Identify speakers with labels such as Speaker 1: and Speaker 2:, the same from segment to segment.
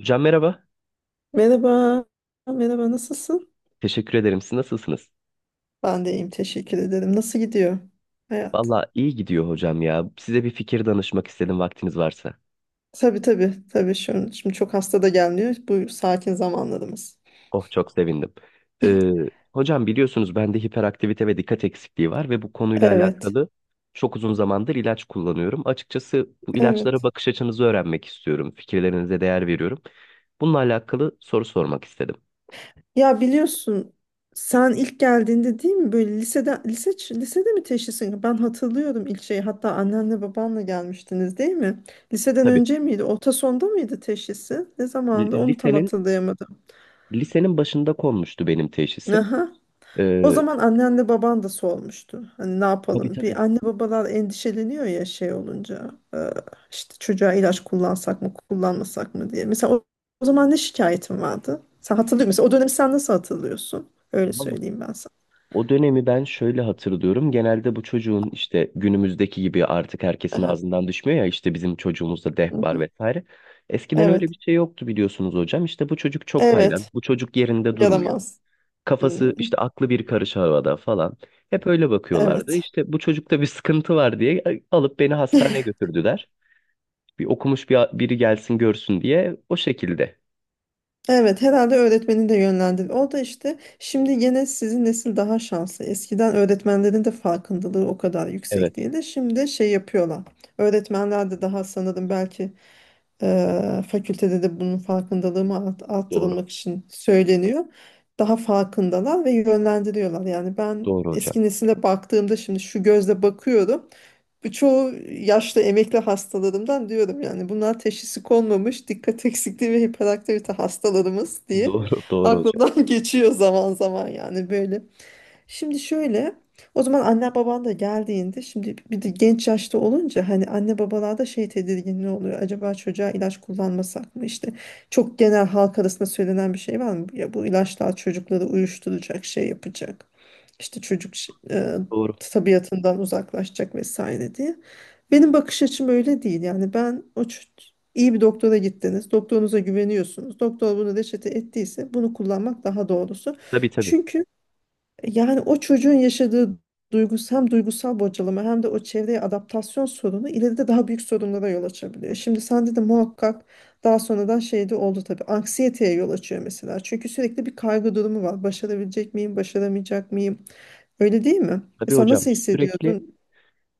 Speaker 1: Hocam merhaba.
Speaker 2: Merhaba, merhaba, nasılsın?
Speaker 1: Teşekkür ederim. Siz nasılsınız?
Speaker 2: Ben de iyiyim, teşekkür ederim. Nasıl gidiyor hayat?
Speaker 1: Valla iyi gidiyor hocam ya. Size bir fikir danışmak istedim vaktiniz varsa.
Speaker 2: Tabii tabii, tabii şimdi çok hasta da gelmiyor. Bu sakin zamanlarımız.
Speaker 1: Oh çok sevindim. Ee, Hocam biliyorsunuz bende hiperaktivite ve dikkat eksikliği var ve bu konuyla
Speaker 2: Evet,
Speaker 1: alakalı çok uzun zamandır ilaç kullanıyorum. Açıkçası bu ilaçlara
Speaker 2: evet.
Speaker 1: bakış açınızı öğrenmek istiyorum. Fikirlerinize değer veriyorum. Bununla alakalı soru sormak istedim.
Speaker 2: Ya biliyorsun sen ilk geldiğinde değil mi, böyle lisede mi teşhisin? Ben hatırlıyorum ilk şeyi. Hatta annenle babanla gelmiştiniz değil mi? Liseden
Speaker 1: Tabii.
Speaker 2: önce miydi? Orta sonda mıydı teşhisi? Ne
Speaker 1: L-
Speaker 2: zamandı? Onu tam
Speaker 1: Lisenin
Speaker 2: hatırlayamadım.
Speaker 1: lisenin başında konmuştu benim teşhisim.
Speaker 2: Aha. O
Speaker 1: Ee,
Speaker 2: zaman annenle baban da solmuştu. Hani, ne
Speaker 1: tabii
Speaker 2: yapalım?
Speaker 1: tabii.
Speaker 2: Bir anne babalar endişeleniyor ya, şey olunca. İşte çocuğa ilaç kullansak mı, kullanmasak mı diye. Mesela o zaman ne şikayetin vardı? Sen hatırlıyor musun? O dönemi sen nasıl hatırlıyorsun? Öyle
Speaker 1: Vallahi
Speaker 2: söyleyeyim ben sana.
Speaker 1: o dönemi ben şöyle hatırlıyorum. Genelde bu çocuğun işte günümüzdeki gibi artık herkesin
Speaker 2: Aha.
Speaker 1: ağzından düşmüyor ya, işte bizim çocuğumuzda deh var
Speaker 2: Mhm.
Speaker 1: vesaire. Eskiden
Speaker 2: Evet.
Speaker 1: öyle bir şey yoktu biliyorsunuz hocam. İşte bu çocuk çok haylan.
Speaker 2: Evet.
Speaker 1: Bu çocuk yerinde durmuyor.
Speaker 2: Yaramaz.
Speaker 1: Kafası
Speaker 2: Hmm.
Speaker 1: işte aklı bir karış havada falan. Hep öyle bakıyorlardı.
Speaker 2: Evet.
Speaker 1: İşte bu çocukta bir sıkıntı var diye alıp beni hastaneye götürdüler. Bir okumuş biri gelsin görsün diye o şekilde.
Speaker 2: Evet, herhalde öğretmeni de yönlendir. O da işte, şimdi gene sizin nesil daha şanslı. Eskiden öğretmenlerin de farkındalığı o kadar
Speaker 1: Evet
Speaker 2: yüksek değildi. Şimdi şey yapıyorlar. Öğretmenler de daha, sanırım belki fakültede de bunun farkındalığımı
Speaker 1: doğru.
Speaker 2: arttırılmak için söyleniyor. Daha farkındalar ve yönlendiriyorlar. Yani ben
Speaker 1: Doğru hocam.
Speaker 2: eski nesile baktığımda şimdi şu gözle bakıyorum. Bu çoğu yaşlı emekli hastalarımdan diyorum, yani bunlar teşhisi konmamış dikkat eksikliği ve hiperaktivite hastalarımız diye
Speaker 1: Doğru doğru hocam.
Speaker 2: aklımdan geçiyor zaman zaman, yani böyle. Şimdi şöyle, o zaman anne baban da geldiğinde, şimdi bir de genç yaşta olunca hani anne babalarda şey tedirginliği oluyor. Acaba çocuğa ilaç kullanmasak mı? İşte çok genel halk arasında söylenen bir şey var mı? Ya bu ilaçlar çocukları uyuşturacak, şey yapacak. İşte
Speaker 1: Doğru.
Speaker 2: tabiatından uzaklaşacak vesaire diye. Benim bakış açım öyle değil. Yani ben iyi bir doktora gittiniz. Doktorunuza güveniyorsunuz. Doktor bunu reçete ettiyse bunu kullanmak daha doğrusu.
Speaker 1: Tabii tabii.
Speaker 2: Çünkü yani o çocuğun yaşadığı hem duygusal bocalama hem de o çevreye adaptasyon sorunu ileride daha büyük sorunlara yol açabiliyor. Şimdi sende de muhakkak daha sonradan şey de oldu tabii. Anksiyeteye yol açıyor mesela. Çünkü sürekli bir kaygı durumu var. Başarabilecek miyim, başaramayacak mıyım? Öyle değil mi?
Speaker 1: Tabii
Speaker 2: Mesela
Speaker 1: hocam,
Speaker 2: nasıl
Speaker 1: sürekli
Speaker 2: hissediyordun?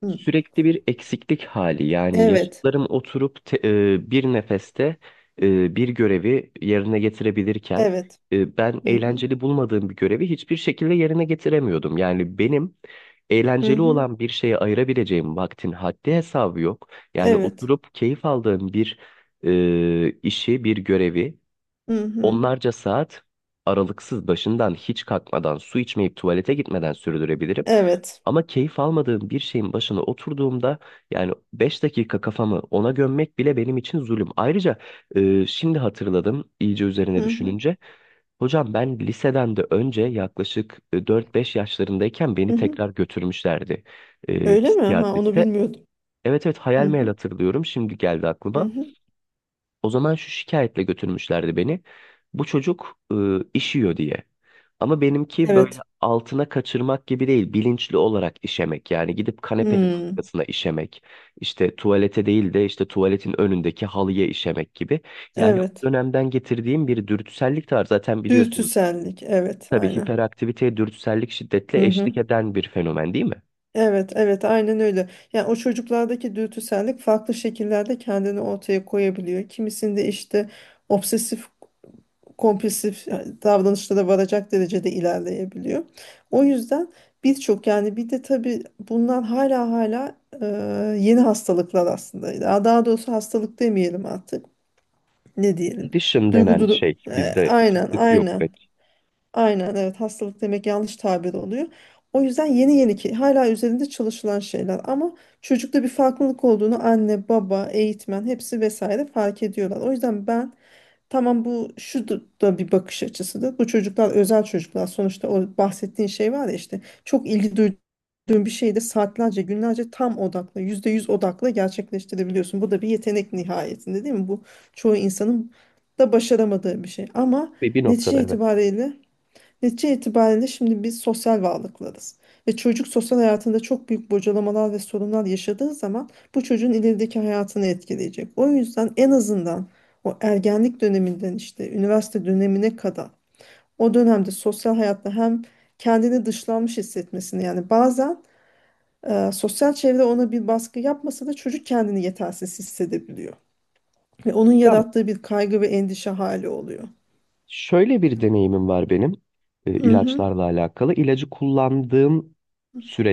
Speaker 2: Hı.
Speaker 1: sürekli bir eksiklik hali. Yani
Speaker 2: Evet.
Speaker 1: yaşıtlarım oturup bir nefeste bir görevi yerine getirebilirken
Speaker 2: Evet.
Speaker 1: ben
Speaker 2: Hı hı.
Speaker 1: eğlenceli bulmadığım bir görevi hiçbir şekilde yerine getiremiyordum. Yani benim
Speaker 2: Hı
Speaker 1: eğlenceli
Speaker 2: hı.
Speaker 1: olan bir şeye ayırabileceğim vaktin haddi hesabı yok. Yani
Speaker 2: Evet.
Speaker 1: oturup keyif aldığım bir işi, bir görevi
Speaker 2: Hı hı.
Speaker 1: onlarca saat aralıksız başından hiç kalkmadan, su içmeyip tuvalete gitmeden sürdürebilirim.
Speaker 2: Evet.
Speaker 1: Ama keyif almadığım bir şeyin başına oturduğumda yani 5 dakika kafamı ona gömmek bile benim için zulüm. Ayrıca şimdi hatırladım iyice
Speaker 2: Hı
Speaker 1: üzerine
Speaker 2: hı.
Speaker 1: düşününce. Hocam ben liseden de önce yaklaşık 4-5 yaşlarındayken
Speaker 2: Hı
Speaker 1: beni
Speaker 2: hı.
Speaker 1: tekrar götürmüşlerdi
Speaker 2: Öyle mi? Ha, onu
Speaker 1: psikiyatriste.
Speaker 2: bilmiyordum.
Speaker 1: Evet evet,
Speaker 2: Hı
Speaker 1: hayal meyal
Speaker 2: hı.
Speaker 1: hatırlıyorum, şimdi geldi
Speaker 2: Hı
Speaker 1: aklıma.
Speaker 2: hı.
Speaker 1: O zaman şu şikayetle götürmüşlerdi beni. Bu çocuk işiyor diye. Ama benimki böyle
Speaker 2: Evet.
Speaker 1: altına kaçırmak gibi değil, bilinçli olarak işemek. Yani gidip kanepenin
Speaker 2: Hmm.
Speaker 1: arkasına işemek, İşte tuvalete değil de işte tuvaletin önündeki halıya işemek gibi. Yani o
Speaker 2: Evet.
Speaker 1: dönemden getirdiğim bir dürtüsellik de var zaten biliyorsunuz.
Speaker 2: Dürtüsellik, evet,
Speaker 1: Tabii
Speaker 2: aynen.
Speaker 1: hiperaktiviteye dürtüsellik şiddetle
Speaker 2: Hı hı.
Speaker 1: eşlik eden bir fenomen değil mi?
Speaker 2: Evet, evet, aynen öyle. Yani o çocuklardaki dürtüsellik farklı şekillerde kendini ortaya koyabiliyor. Kimisinde işte obsesif kompulsif, yani davranışlara varacak derecede ilerleyebiliyor. O yüzden birçok, yani bir de tabii bunlar hala e, yeni hastalıklar aslında. Daha doğrusu hastalık demeyelim artık. Ne diyelim?
Speaker 1: Dışım
Speaker 2: Duygu
Speaker 1: denen
Speaker 2: duru-
Speaker 1: şey, bizde
Speaker 2: aynen,
Speaker 1: Türkçesi yok
Speaker 2: aynen.
Speaker 1: pek.
Speaker 2: Aynen, evet, hastalık demek yanlış tabir oluyor. O yüzden yeni yeni, ki hala üzerinde çalışılan şeyler ama çocukta bir farklılık olduğunu anne, baba, eğitmen, hepsi vesaire fark ediyorlar. O yüzden ben, tamam, bu şu da bir bakış açısıdır. Bu çocuklar özel çocuklar sonuçta. O bahsettiğin şey var ya, işte çok ilgi duyduğun bir şeyi de saatlerce, günlerce tam odakla, yüzde yüz odakla gerçekleştirebiliyorsun. Bu da bir yetenek nihayetinde, değil mi? Bu çoğu insanın da başaramadığı bir şey ama
Speaker 1: Ve bir noktada
Speaker 2: netice
Speaker 1: evet.
Speaker 2: itibariyle Netice itibariyle şimdi biz sosyal varlıklarız. Ve çocuk sosyal hayatında çok büyük bocalamalar ve sorunlar yaşadığı zaman bu çocuğun ilerideki hayatını etkileyecek. O yüzden en azından o ergenlik döneminden işte üniversite dönemine kadar, o dönemde sosyal hayatta hem kendini dışlanmış hissetmesini, yani bazen sosyal çevre ona bir baskı yapmasa da çocuk kendini yetersiz hissedebiliyor. Ve onun
Speaker 1: Hocam
Speaker 2: yarattığı bir kaygı ve endişe hali oluyor.
Speaker 1: şöyle bir deneyimim var benim,
Speaker 2: Hı hı,
Speaker 1: ilaçlarla alakalı. İlacı kullandığım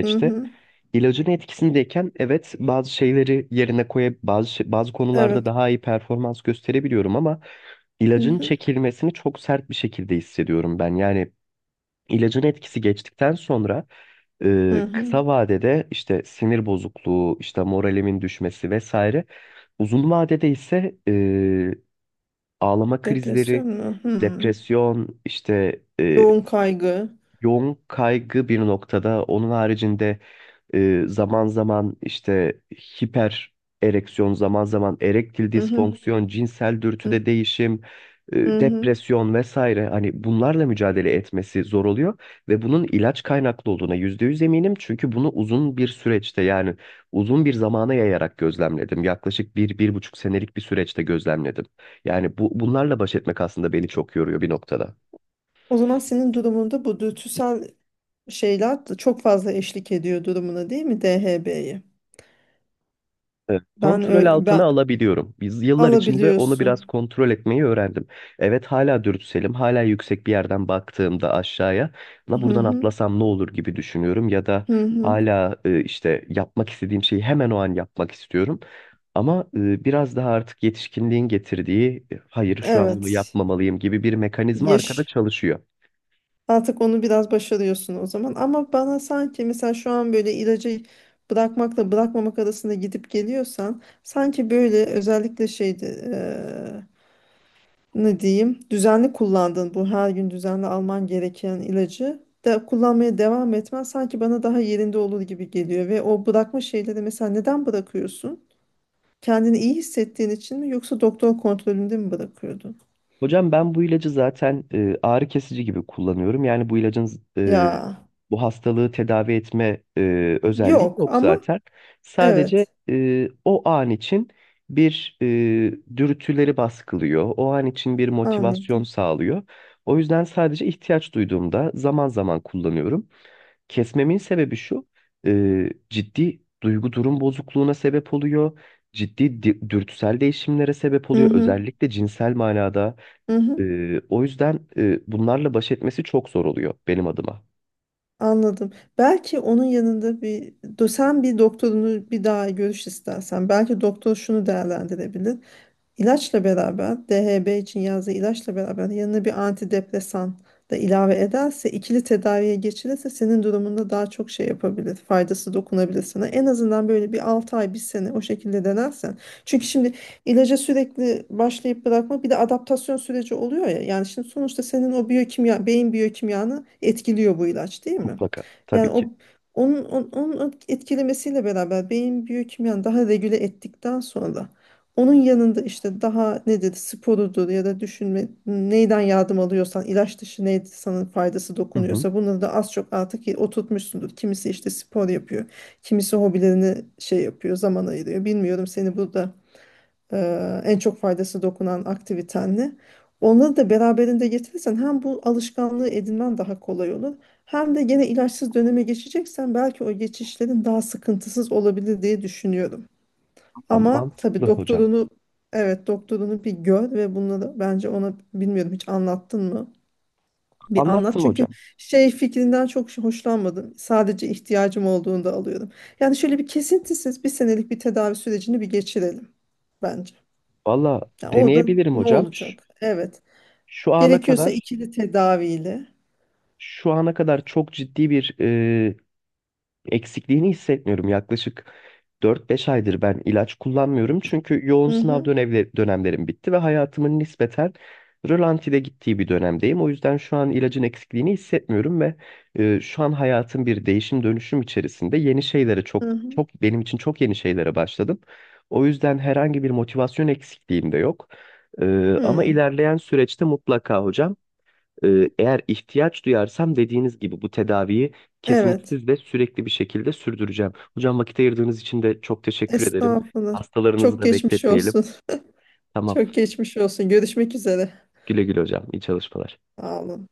Speaker 2: hı hı,
Speaker 1: ilacın etkisindeyken, evet, bazı şeyleri yerine koyup bazı konularda
Speaker 2: evet.
Speaker 1: daha iyi performans gösterebiliyorum ama
Speaker 2: Hı
Speaker 1: ilacın
Speaker 2: hı,
Speaker 1: çekilmesini çok sert bir şekilde hissediyorum ben. Yani ilacın etkisi geçtikten sonra
Speaker 2: hı hı.
Speaker 1: kısa vadede işte sinir bozukluğu, işte moralimin düşmesi vesaire. Uzun vadede ise ağlama krizleri,
Speaker 2: Depresyon mu? Hmm.
Speaker 1: depresyon, işte
Speaker 2: Yoğun kaygı.
Speaker 1: yoğun kaygı bir noktada. Onun haricinde zaman zaman işte hiper ereksiyon, zaman zaman erektil
Speaker 2: Hı hı,
Speaker 1: disfonksiyon, cinsel
Speaker 2: hı,
Speaker 1: dürtüde değişim,
Speaker 2: hı hı.
Speaker 1: depresyon vesaire, hani bunlarla mücadele etmesi zor oluyor ve bunun ilaç kaynaklı olduğuna %100 eminim, çünkü bunu uzun bir süreçte, yani uzun bir zamana yayarak gözlemledim. Yaklaşık bir buçuk senelik bir süreçte gözlemledim. Yani bunlarla baş etmek aslında beni çok yoruyor bir noktada.
Speaker 2: O zaman senin durumunda bu dürtüsel şeyler de çok fazla eşlik ediyor durumuna, değil mi DHB'yi?
Speaker 1: Evet,
Speaker 2: Ben
Speaker 1: kontrol
Speaker 2: ö-
Speaker 1: altına
Speaker 2: ben
Speaker 1: alabiliyorum. Biz yıllar içinde onu biraz
Speaker 2: alabiliyorsun.
Speaker 1: kontrol etmeyi öğrendim. Evet, hala dürtüselim, hala yüksek bir yerden baktığımda aşağıya, la
Speaker 2: Hı
Speaker 1: buradan
Speaker 2: hı,
Speaker 1: atlasam ne olur gibi düşünüyorum, ya da
Speaker 2: hı hı.
Speaker 1: hala işte yapmak istediğim şeyi hemen o an yapmak istiyorum. Ama biraz daha artık yetişkinliğin getirdiği, hayır şu an bunu
Speaker 2: Evet.
Speaker 1: yapmamalıyım gibi bir mekanizma arkada
Speaker 2: Yaş.
Speaker 1: çalışıyor.
Speaker 2: Artık onu biraz başarıyorsun o zaman. Ama bana sanki, mesela şu an böyle ilacı bırakmakla bırakmamak arasında gidip geliyorsan, sanki böyle özellikle şeydi, ne diyeyim, düzenli kullandın, bu her gün düzenli alman gereken ilacı da kullanmaya devam etmen sanki bana daha yerinde olur gibi geliyor. Ve o bırakma şeyleri, mesela neden bırakıyorsun? Kendini iyi hissettiğin için mi, yoksa doktor kontrolünde mi bırakıyordun?
Speaker 1: Hocam ben bu ilacı zaten ağrı kesici gibi kullanıyorum. Yani bu ilacın e,
Speaker 2: Ya
Speaker 1: bu hastalığı tedavi etme özelliği
Speaker 2: yok,
Speaker 1: yok
Speaker 2: ama
Speaker 1: zaten. Sadece
Speaker 2: evet,
Speaker 1: o an için bir dürtüleri baskılıyor. O an için bir motivasyon
Speaker 2: anladım.
Speaker 1: sağlıyor. O yüzden sadece ihtiyaç duyduğumda zaman zaman kullanıyorum. Kesmemin sebebi şu, ciddi duygu durum bozukluğuna sebep oluyor. Ciddi dürtüsel değişimlere sebep
Speaker 2: Hı
Speaker 1: oluyor.
Speaker 2: hı,
Speaker 1: Özellikle cinsel manada.
Speaker 2: hı hı,
Speaker 1: O yüzden bunlarla baş etmesi çok zor oluyor benim adıma.
Speaker 2: anladım. Belki onun yanında bir sen bir doktorunu bir daha görüş istersen, belki doktor şunu değerlendirebilir. İlaçla beraber DHB için yazdığı ilaçla beraber yanına bir antidepresan da ilave ederse, ikili tedaviye geçilirse senin durumunda daha çok şey yapabilir. Faydası dokunabilir sana. En azından böyle bir 6 ay, bir sene o şekilde denersen. Çünkü şimdi ilaca sürekli başlayıp bırakma, bir de adaptasyon süreci oluyor ya. Yani şimdi sonuçta senin o biyokimya, beyin biyokimyanı etkiliyor bu ilaç, değil mi?
Speaker 1: Mutlaka.
Speaker 2: Yani
Speaker 1: Tabii ki.
Speaker 2: onun etkilemesiyle beraber beyin biyokimyanı daha regüle ettikten sonra, onun yanında işte daha nedir, sporudur, ya da düşünme, neyden yardım alıyorsan, ilaç dışı neydi sana faydası
Speaker 1: Hı hı.
Speaker 2: dokunuyorsa, bunları da az çok artık oturtmuşsundur. Kimisi işte spor yapıyor. Kimisi hobilerini şey yapıyor, zaman ayırıyor. Bilmiyorum seni burada, en çok faydası dokunan aktiviten ne? Onları da beraberinde getirirsen hem bu alışkanlığı edinmen daha kolay olur. Hem de gene ilaçsız döneme geçeceksen belki o geçişlerin daha sıkıntısız olabilir diye düşünüyorum.
Speaker 1: Tam
Speaker 2: Ama tabii
Speaker 1: mantıklı hocam.
Speaker 2: evet, doktorunu bir gör ve bununla da bence ona, bilmiyorum, hiç anlattın mı? Bir anlat,
Speaker 1: Anlattım
Speaker 2: çünkü
Speaker 1: hocam.
Speaker 2: şey fikrinden çok hoşlanmadım. Sadece ihtiyacım olduğunda alıyorum. Yani şöyle bir kesintisiz bir senelik bir tedavi sürecini bir geçirelim bence.
Speaker 1: Valla
Speaker 2: Yani orada
Speaker 1: deneyebilirim
Speaker 2: ne
Speaker 1: hocam.
Speaker 2: olacak? Evet.
Speaker 1: Şu ana
Speaker 2: Gerekiyorsa
Speaker 1: kadar
Speaker 2: ikili tedaviyle.
Speaker 1: şu ana kadar çok ciddi bir eksikliğini hissetmiyorum. Yaklaşık 4-5 aydır ben ilaç kullanmıyorum. Çünkü yoğun
Speaker 2: Hı
Speaker 1: sınav
Speaker 2: hı,
Speaker 1: dönemlerim bitti ve hayatımın nispeten rölantide gittiği bir dönemdeyim. O yüzden şu an ilacın eksikliğini hissetmiyorum ve şu an hayatım bir değişim dönüşüm içerisinde, yeni şeylere, çok
Speaker 2: hı hı.
Speaker 1: çok benim için çok yeni şeylere başladım. O yüzden herhangi bir motivasyon eksikliğim de yok. E, ama
Speaker 2: Hı.
Speaker 1: ilerleyen süreçte mutlaka hocam, eğer ihtiyaç duyarsam dediğiniz gibi bu tedaviyi
Speaker 2: Evet.
Speaker 1: kesintisiz ve sürekli bir şekilde sürdüreceğim. Hocam vakit ayırdığınız için de çok teşekkür ederim.
Speaker 2: Estağfurullah.
Speaker 1: Hastalarınızı
Speaker 2: Çok
Speaker 1: da
Speaker 2: geçmiş
Speaker 1: bekletmeyelim.
Speaker 2: olsun.
Speaker 1: Tamam.
Speaker 2: Çok geçmiş olsun. Görüşmek üzere.
Speaker 1: Güle güle hocam. İyi çalışmalar.
Speaker 2: Sağ olun.